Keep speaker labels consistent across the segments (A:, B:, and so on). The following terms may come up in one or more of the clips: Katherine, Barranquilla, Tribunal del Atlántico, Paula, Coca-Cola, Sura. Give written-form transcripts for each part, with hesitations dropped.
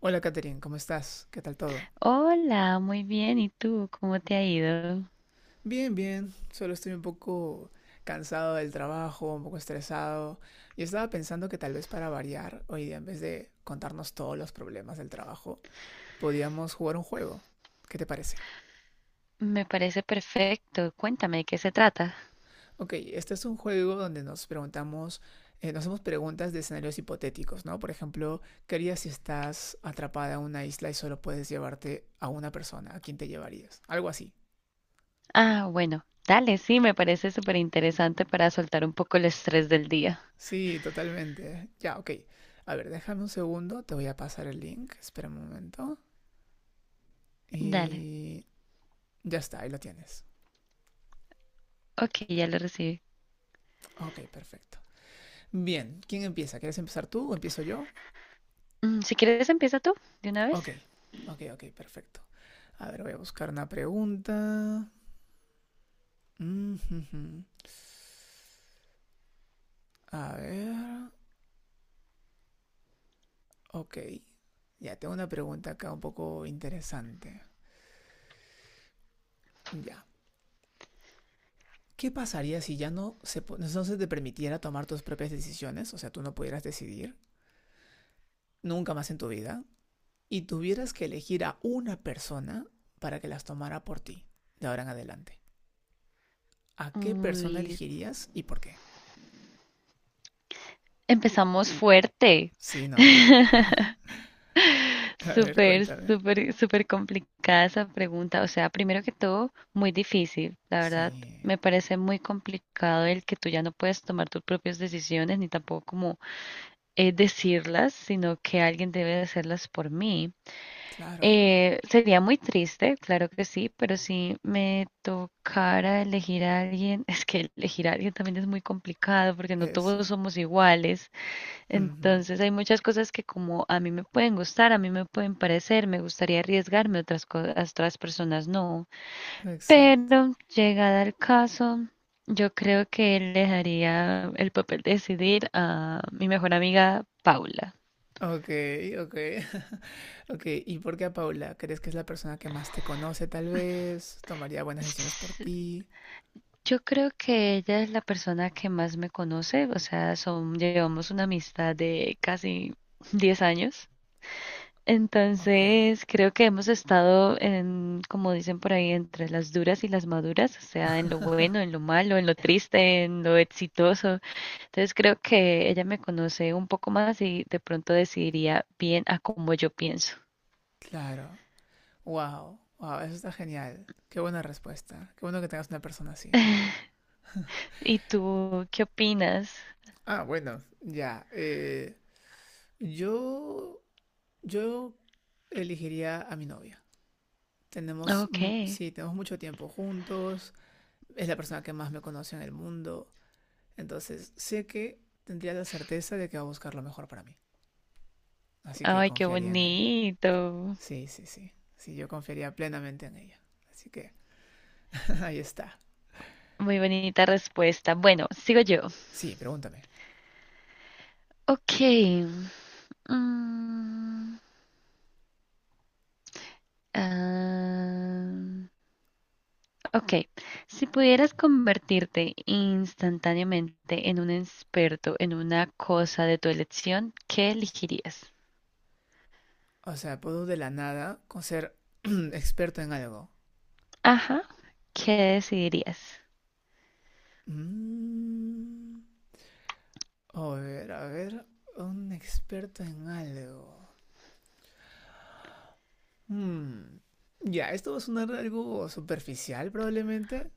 A: Hola Katherine, ¿cómo estás? ¿Qué tal todo?
B: Hola, muy bien. ¿Y tú? ¿Cómo te ha ido?
A: Bien, bien. Solo estoy un poco cansado del trabajo, un poco estresado. Y estaba pensando que tal vez para variar, hoy día en vez de contarnos todos los problemas del trabajo, podíamos jugar un juego. ¿Qué te parece?
B: Me parece perfecto. Cuéntame, ¿de qué se trata?
A: Ok, este es un juego donde nos preguntamos, nos hacemos preguntas de escenarios hipotéticos, ¿no? Por ejemplo, ¿qué harías si estás atrapada en una isla y solo puedes llevarte a una persona? ¿A quién te llevarías? Algo así.
B: Ah, bueno, dale, sí, me parece súper interesante para soltar un poco el estrés del día.
A: Sí, totalmente. Ya, ok. A ver, déjame un segundo, te voy a pasar el link, espera un momento.
B: Dale,
A: Y ya está, ahí lo tienes.
B: ok, ya lo recibí.
A: Ok, perfecto. Bien, ¿quién empieza? ¿Quieres empezar tú o empiezo yo?
B: Mm, si quieres, empieza tú, de una vez.
A: Ok, ok, ok, perfecto. A ver, voy a buscar una pregunta. Mm, jujum. A ver, ok. Ya, tengo una pregunta acá un poco interesante. Ya. ¿Qué pasaría si no se te permitiera tomar tus propias decisiones? O sea, tú no pudieras decidir nunca más en tu vida y tuvieras que elegir a una persona para que las tomara por ti de ahora en adelante, ¿a qué persona
B: Uy,
A: elegirías y por qué?
B: empezamos fuerte.
A: Sí, ¿no? A ver,
B: Súper,
A: cuéntame.
B: súper, súper complicada esa pregunta. O sea, primero que todo, muy difícil. La verdad,
A: Sí,
B: me parece muy complicado el que tú ya no puedes tomar tus propias decisiones ni tampoco como decirlas, sino que alguien debe de hacerlas por mí.
A: claro,
B: Sería muy triste, claro que sí, pero si me tocara elegir a alguien, es que elegir a alguien también es muy complicado porque no todos
A: eso.
B: somos iguales.
A: Ujú,
B: Entonces hay muchas cosas que como a mí me pueden gustar, a mí me pueden parecer, me gustaría arriesgarme, otras cosas, otras personas no.
A: exacto.
B: Pero llegada al caso, yo creo que le dejaría el papel de decidir a mi mejor amiga Paula.
A: Ok, ok. Ok, ¿y por qué a Paula? ¿Crees que es la persona que más te conoce tal vez? ¿Tomaría buenas decisiones por
B: S-
A: ti?
B: Yo creo que ella es la persona que más me conoce, o sea, son, llevamos una amistad de casi 10 años.
A: Ok,
B: Entonces, creo que hemos estado en, como dicen por ahí, entre las duras y las maduras, o sea, en lo bueno, en lo malo, en lo triste, en lo exitoso. Entonces, creo que ella me conoce un poco más y de pronto decidiría bien a cómo yo pienso.
A: claro. Wow, wow, eso está genial. Qué buena respuesta. Qué bueno que tengas una persona así.
B: ¿Y tú qué opinas?
A: Ah, bueno, ya. Yo, yo elegiría a mi novia. Tenemos,
B: Ok.
A: sí, tenemos mucho tiempo juntos. Es la persona que más me conoce en el mundo. Entonces, sé que tendría la certeza de que va a buscar lo mejor para mí. Así que
B: Ay, qué
A: confiaría en ella.
B: bonito.
A: Sí, sí, sí. Sí, yo confiaría plenamente en ella. Así que ahí está.
B: Muy bonita respuesta. Bueno, sigo yo.
A: Sí, pregúntame.
B: Ok. Mm, ah, Ok, si pudieras convertirte instantáneamente en un experto en una cosa de tu elección, ¿qué elegirías?
A: O sea, puedo de la nada con ser experto en algo.
B: Ajá, ¿qué decidirías?
A: Mm. A ver, un experto en algo. Hmm, Ya, esto va a sonar algo superficial probablemente,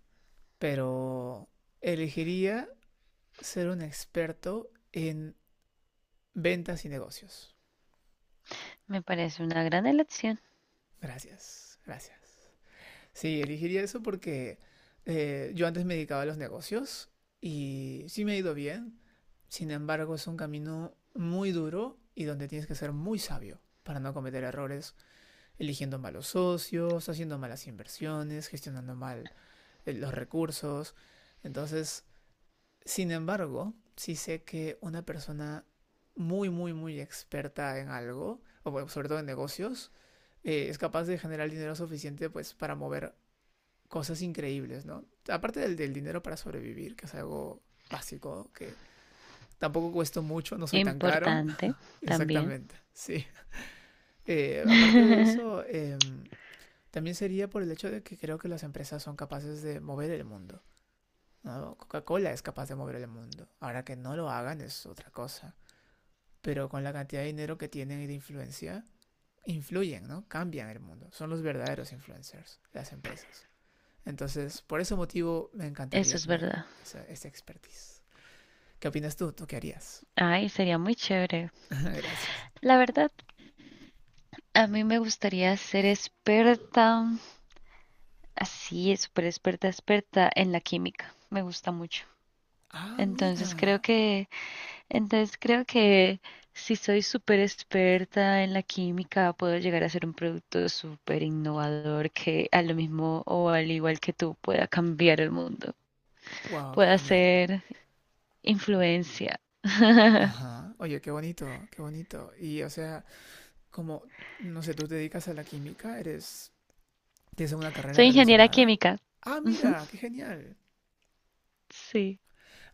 A: pero elegiría ser un experto en ventas y negocios.
B: Me parece una gran elección,
A: Gracias, gracias. Sí, elegiría eso porque yo antes me dedicaba a los negocios y sí me ha ido bien. Sin embargo, es un camino muy duro y donde tienes que ser muy sabio para no cometer errores eligiendo malos socios, haciendo malas inversiones, gestionando mal los recursos. Entonces, sin embargo, sí sé que una persona muy, muy, muy experta en algo, o bueno, sobre todo en negocios, es capaz de generar dinero suficiente pues para mover cosas increíbles, ¿no? Aparte del dinero para sobrevivir, que es algo básico, que tampoco cuesta mucho, no soy tan caro.
B: importante también.
A: Exactamente, sí. Aparte de eso, también sería por el hecho de que creo que las empresas son capaces de mover el mundo, ¿no? Coca-Cola es capaz de mover el mundo. Ahora que no lo hagan es otra cosa. Pero con la cantidad de dinero que tienen y de influencia, influyen, ¿no? Cambian el mundo. Son los verdaderos influencers, las empresas. Entonces, por ese motivo, me
B: Eso
A: encantaría
B: es
A: tener
B: verdad.
A: esa expertise. ¿Qué opinas tú? ¿Tú qué harías?
B: Ay, sería muy chévere.
A: Gracias.
B: La verdad, a mí me gustaría ser experta, así, súper experta, experta en la química. Me gusta mucho.
A: Ah,
B: Entonces creo
A: mira.
B: que Entonces creo que si soy súper experta en la química, puedo llegar a ser un producto súper innovador que a lo mismo o al igual que tú pueda cambiar el mundo,
A: Wow, qué
B: pueda
A: genial.
B: ser influencia.
A: Ajá. Oye, qué bonito, qué bonito. Y, o sea, como, no sé, tú te dedicas a la química, eres, tienes una carrera
B: Soy ingeniera
A: relacionada.
B: química.
A: Ah,
B: Ujú,
A: mira, qué genial.
B: sí,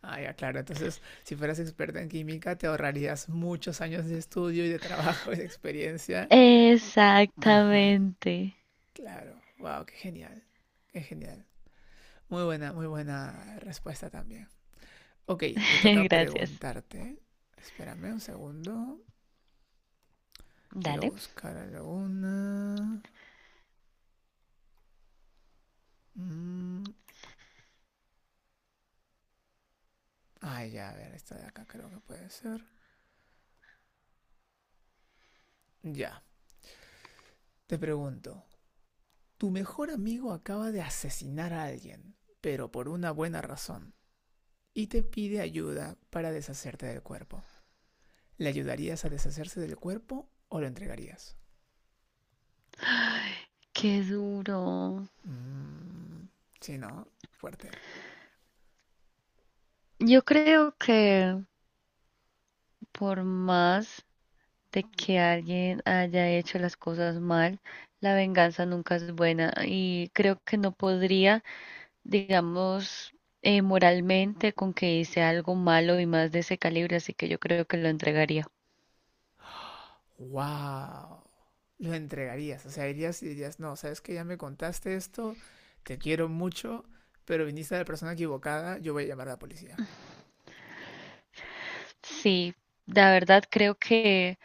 A: Ah, ya, claro. Entonces, si fueras experta en química, te ahorrarías muchos años de estudio y de trabajo y de experiencia. Ajá,
B: exactamente.
A: claro. Wow, qué genial. Qué genial. Muy buena respuesta también. Ok, me toca
B: Gracias.
A: preguntarte. Espérame un segundo. Quiero
B: Dale.
A: buscar alguna. Mm, Ah, ya, a ver, esta de acá creo que puede ser. Ya. Te pregunto, tu mejor amigo acaba de asesinar a alguien, pero por una buena razón, y te pide ayuda para deshacerte del cuerpo. ¿Le ayudarías a deshacerse del cuerpo o lo entregarías?
B: Qué duro.
A: Mm, sí, ¿no? Fuerte.
B: Yo creo que por más de que alguien haya hecho las cosas mal, la venganza nunca es buena y creo que no podría, digamos, moralmente con que hice algo malo y más de ese calibre, así que yo creo que lo entregaría.
A: ¡Wow! Lo entregarías. O sea, irías y dirías, no, sabes que ya me contaste esto, te quiero mucho, pero viniste a la persona equivocada, yo voy a llamar a la policía.
B: Sí, la verdad creo que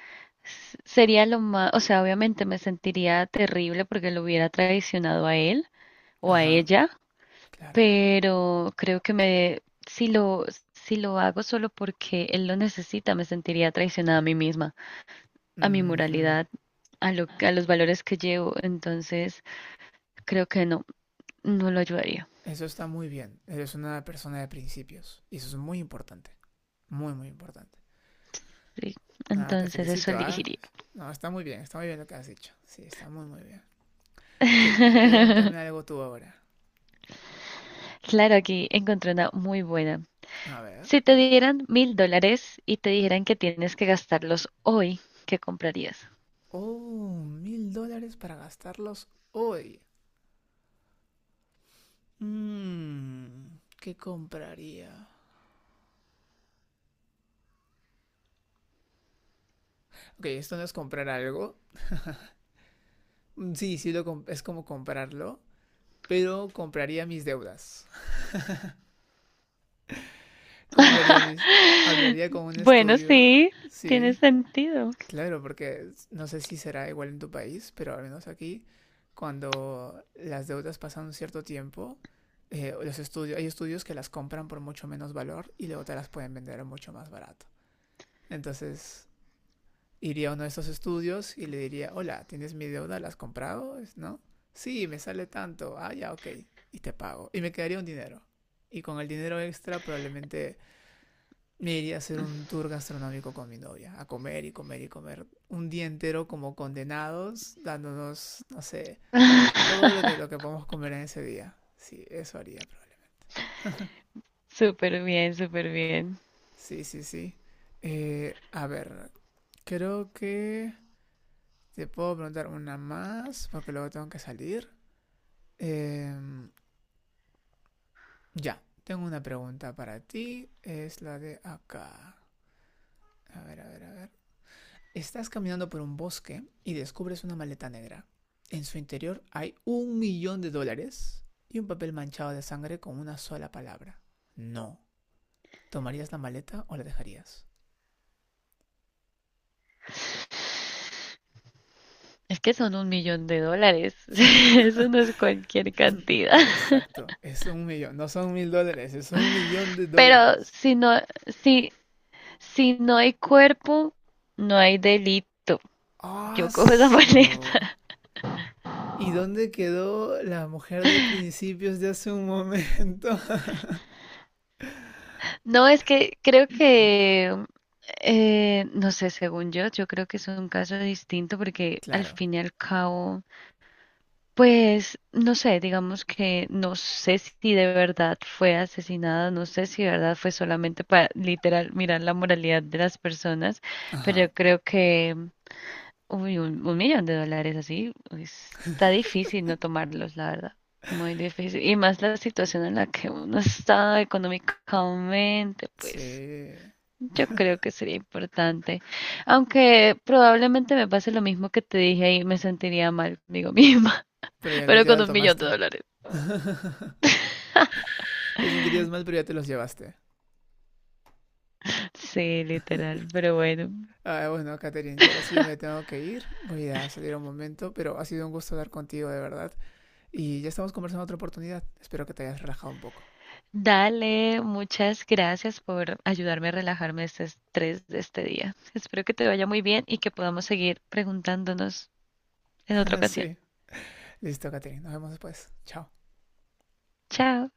B: sería lo más, o sea, obviamente me sentiría terrible porque lo hubiera traicionado a él o a
A: Ajá,
B: ella,
A: claro.
B: pero creo que me, si lo, si lo hago solo porque él lo necesita, me sentiría traicionada a mí misma, a mi
A: Mhm.
B: moralidad, a lo, a los valores que llevo. Entonces, creo que no, no lo ayudaría.
A: Eso está muy bien. Eres una persona de principios. Y eso es muy importante. Muy, muy importante.
B: Sí,
A: Nada, te
B: entonces, eso
A: felicito, ¿ah?
B: elegiría.
A: ¿Eh? No, está muy bien lo que has dicho. Sí, está muy, muy bien. Ok, pregúntame algo tú ahora.
B: Claro, aquí encontré una muy buena.
A: A ver.
B: Si te dieran $1000 y te dijeran que tienes que gastarlos hoy, ¿qué comprarías?
A: Oh, $1000 para gastarlos hoy. ¿Qué compraría? Ok, esto no es comprar algo. Mm, sí, sí, es como comprarlo. Pero compraría mis deudas. Compraría mis... Hablaría con un
B: Bueno,
A: estudio.
B: sí, tiene
A: Sí,
B: sentido.
A: claro, porque no sé si será igual en tu país, pero al menos aquí, cuando las deudas pasan un cierto tiempo, los estudios, hay estudios que las compran por mucho menos valor y luego te las pueden vender a mucho más barato. Entonces, iría a uno de esos estudios y le diría, hola, ¿tienes mi deuda? ¿La has comprado? ¿No? Sí, me sale tanto. Ah, ya, ok. Y te pago. Y me quedaría un dinero. Y con el dinero extra probablemente me iría a hacer un tour gastronómico con mi novia, a comer y comer y comer un día entero como condenados, dándonos, no sé, todo lo que podemos comer en ese día. Sí, eso haría probablemente.
B: Súper bien, súper bien.
A: Sí, sí, sí. A ver, creo que te puedo preguntar una más porque luego tengo que salir. Em, ya, tengo una pregunta para ti. Es la de acá. A ver, a ver, a ver. Estás caminando por un bosque y descubres una maleta negra. En su interior hay 1 millón de dólares y un papel manchado de sangre con una sola palabra. No. ¿Tomarías la maleta o la dejarías?
B: Es que son $1000000. Eso no es cualquier cantidad.
A: Exacto. Es 1 millón. No son $1000. Es un millón de
B: Pero
A: dólares.
B: si no, si, si no hay cuerpo, no hay delito. Yo cojo esa
A: ¡Aso!
B: maleta.
A: ¿Y dónde quedó la mujer de principios de hace un momento?
B: No, es que creo que, no sé, según yo, yo creo que es un caso distinto porque al
A: Claro.
B: fin y al cabo pues no sé, digamos que no sé si de verdad fue asesinada, no sé si de verdad fue solamente para literal mirar la moralidad de las personas, pero
A: Ajá.
B: yo creo que uy, un millón de dólares así está difícil no tomarlos, la verdad, muy difícil. Y más la situación en la que uno está económicamente, pues
A: Sí.
B: yo creo que sería importante. Aunque probablemente me pase lo mismo que te dije ahí, me sentiría mal conmigo misma.
A: Pero ya lo,
B: Pero
A: ya
B: con
A: lo
B: un millón de
A: tomaste.
B: dólares.
A: Te sentirías mal, pero ya te los llevaste.
B: Sí, literal, pero bueno.
A: Ah, bueno, Catherine, yo ahora sí ya me tengo que ir. Voy a salir un momento, pero ha sido un gusto hablar contigo, de verdad. Y ya estamos conversando otra oportunidad. Espero que te hayas relajado un poco.
B: Dale, muchas gracias por ayudarme a relajarme este estrés de este día. Espero que te vaya muy bien y que podamos seguir preguntándonos en otra ocasión.
A: Sí. Listo, Catherine. Nos vemos después. Chao.
B: Chao.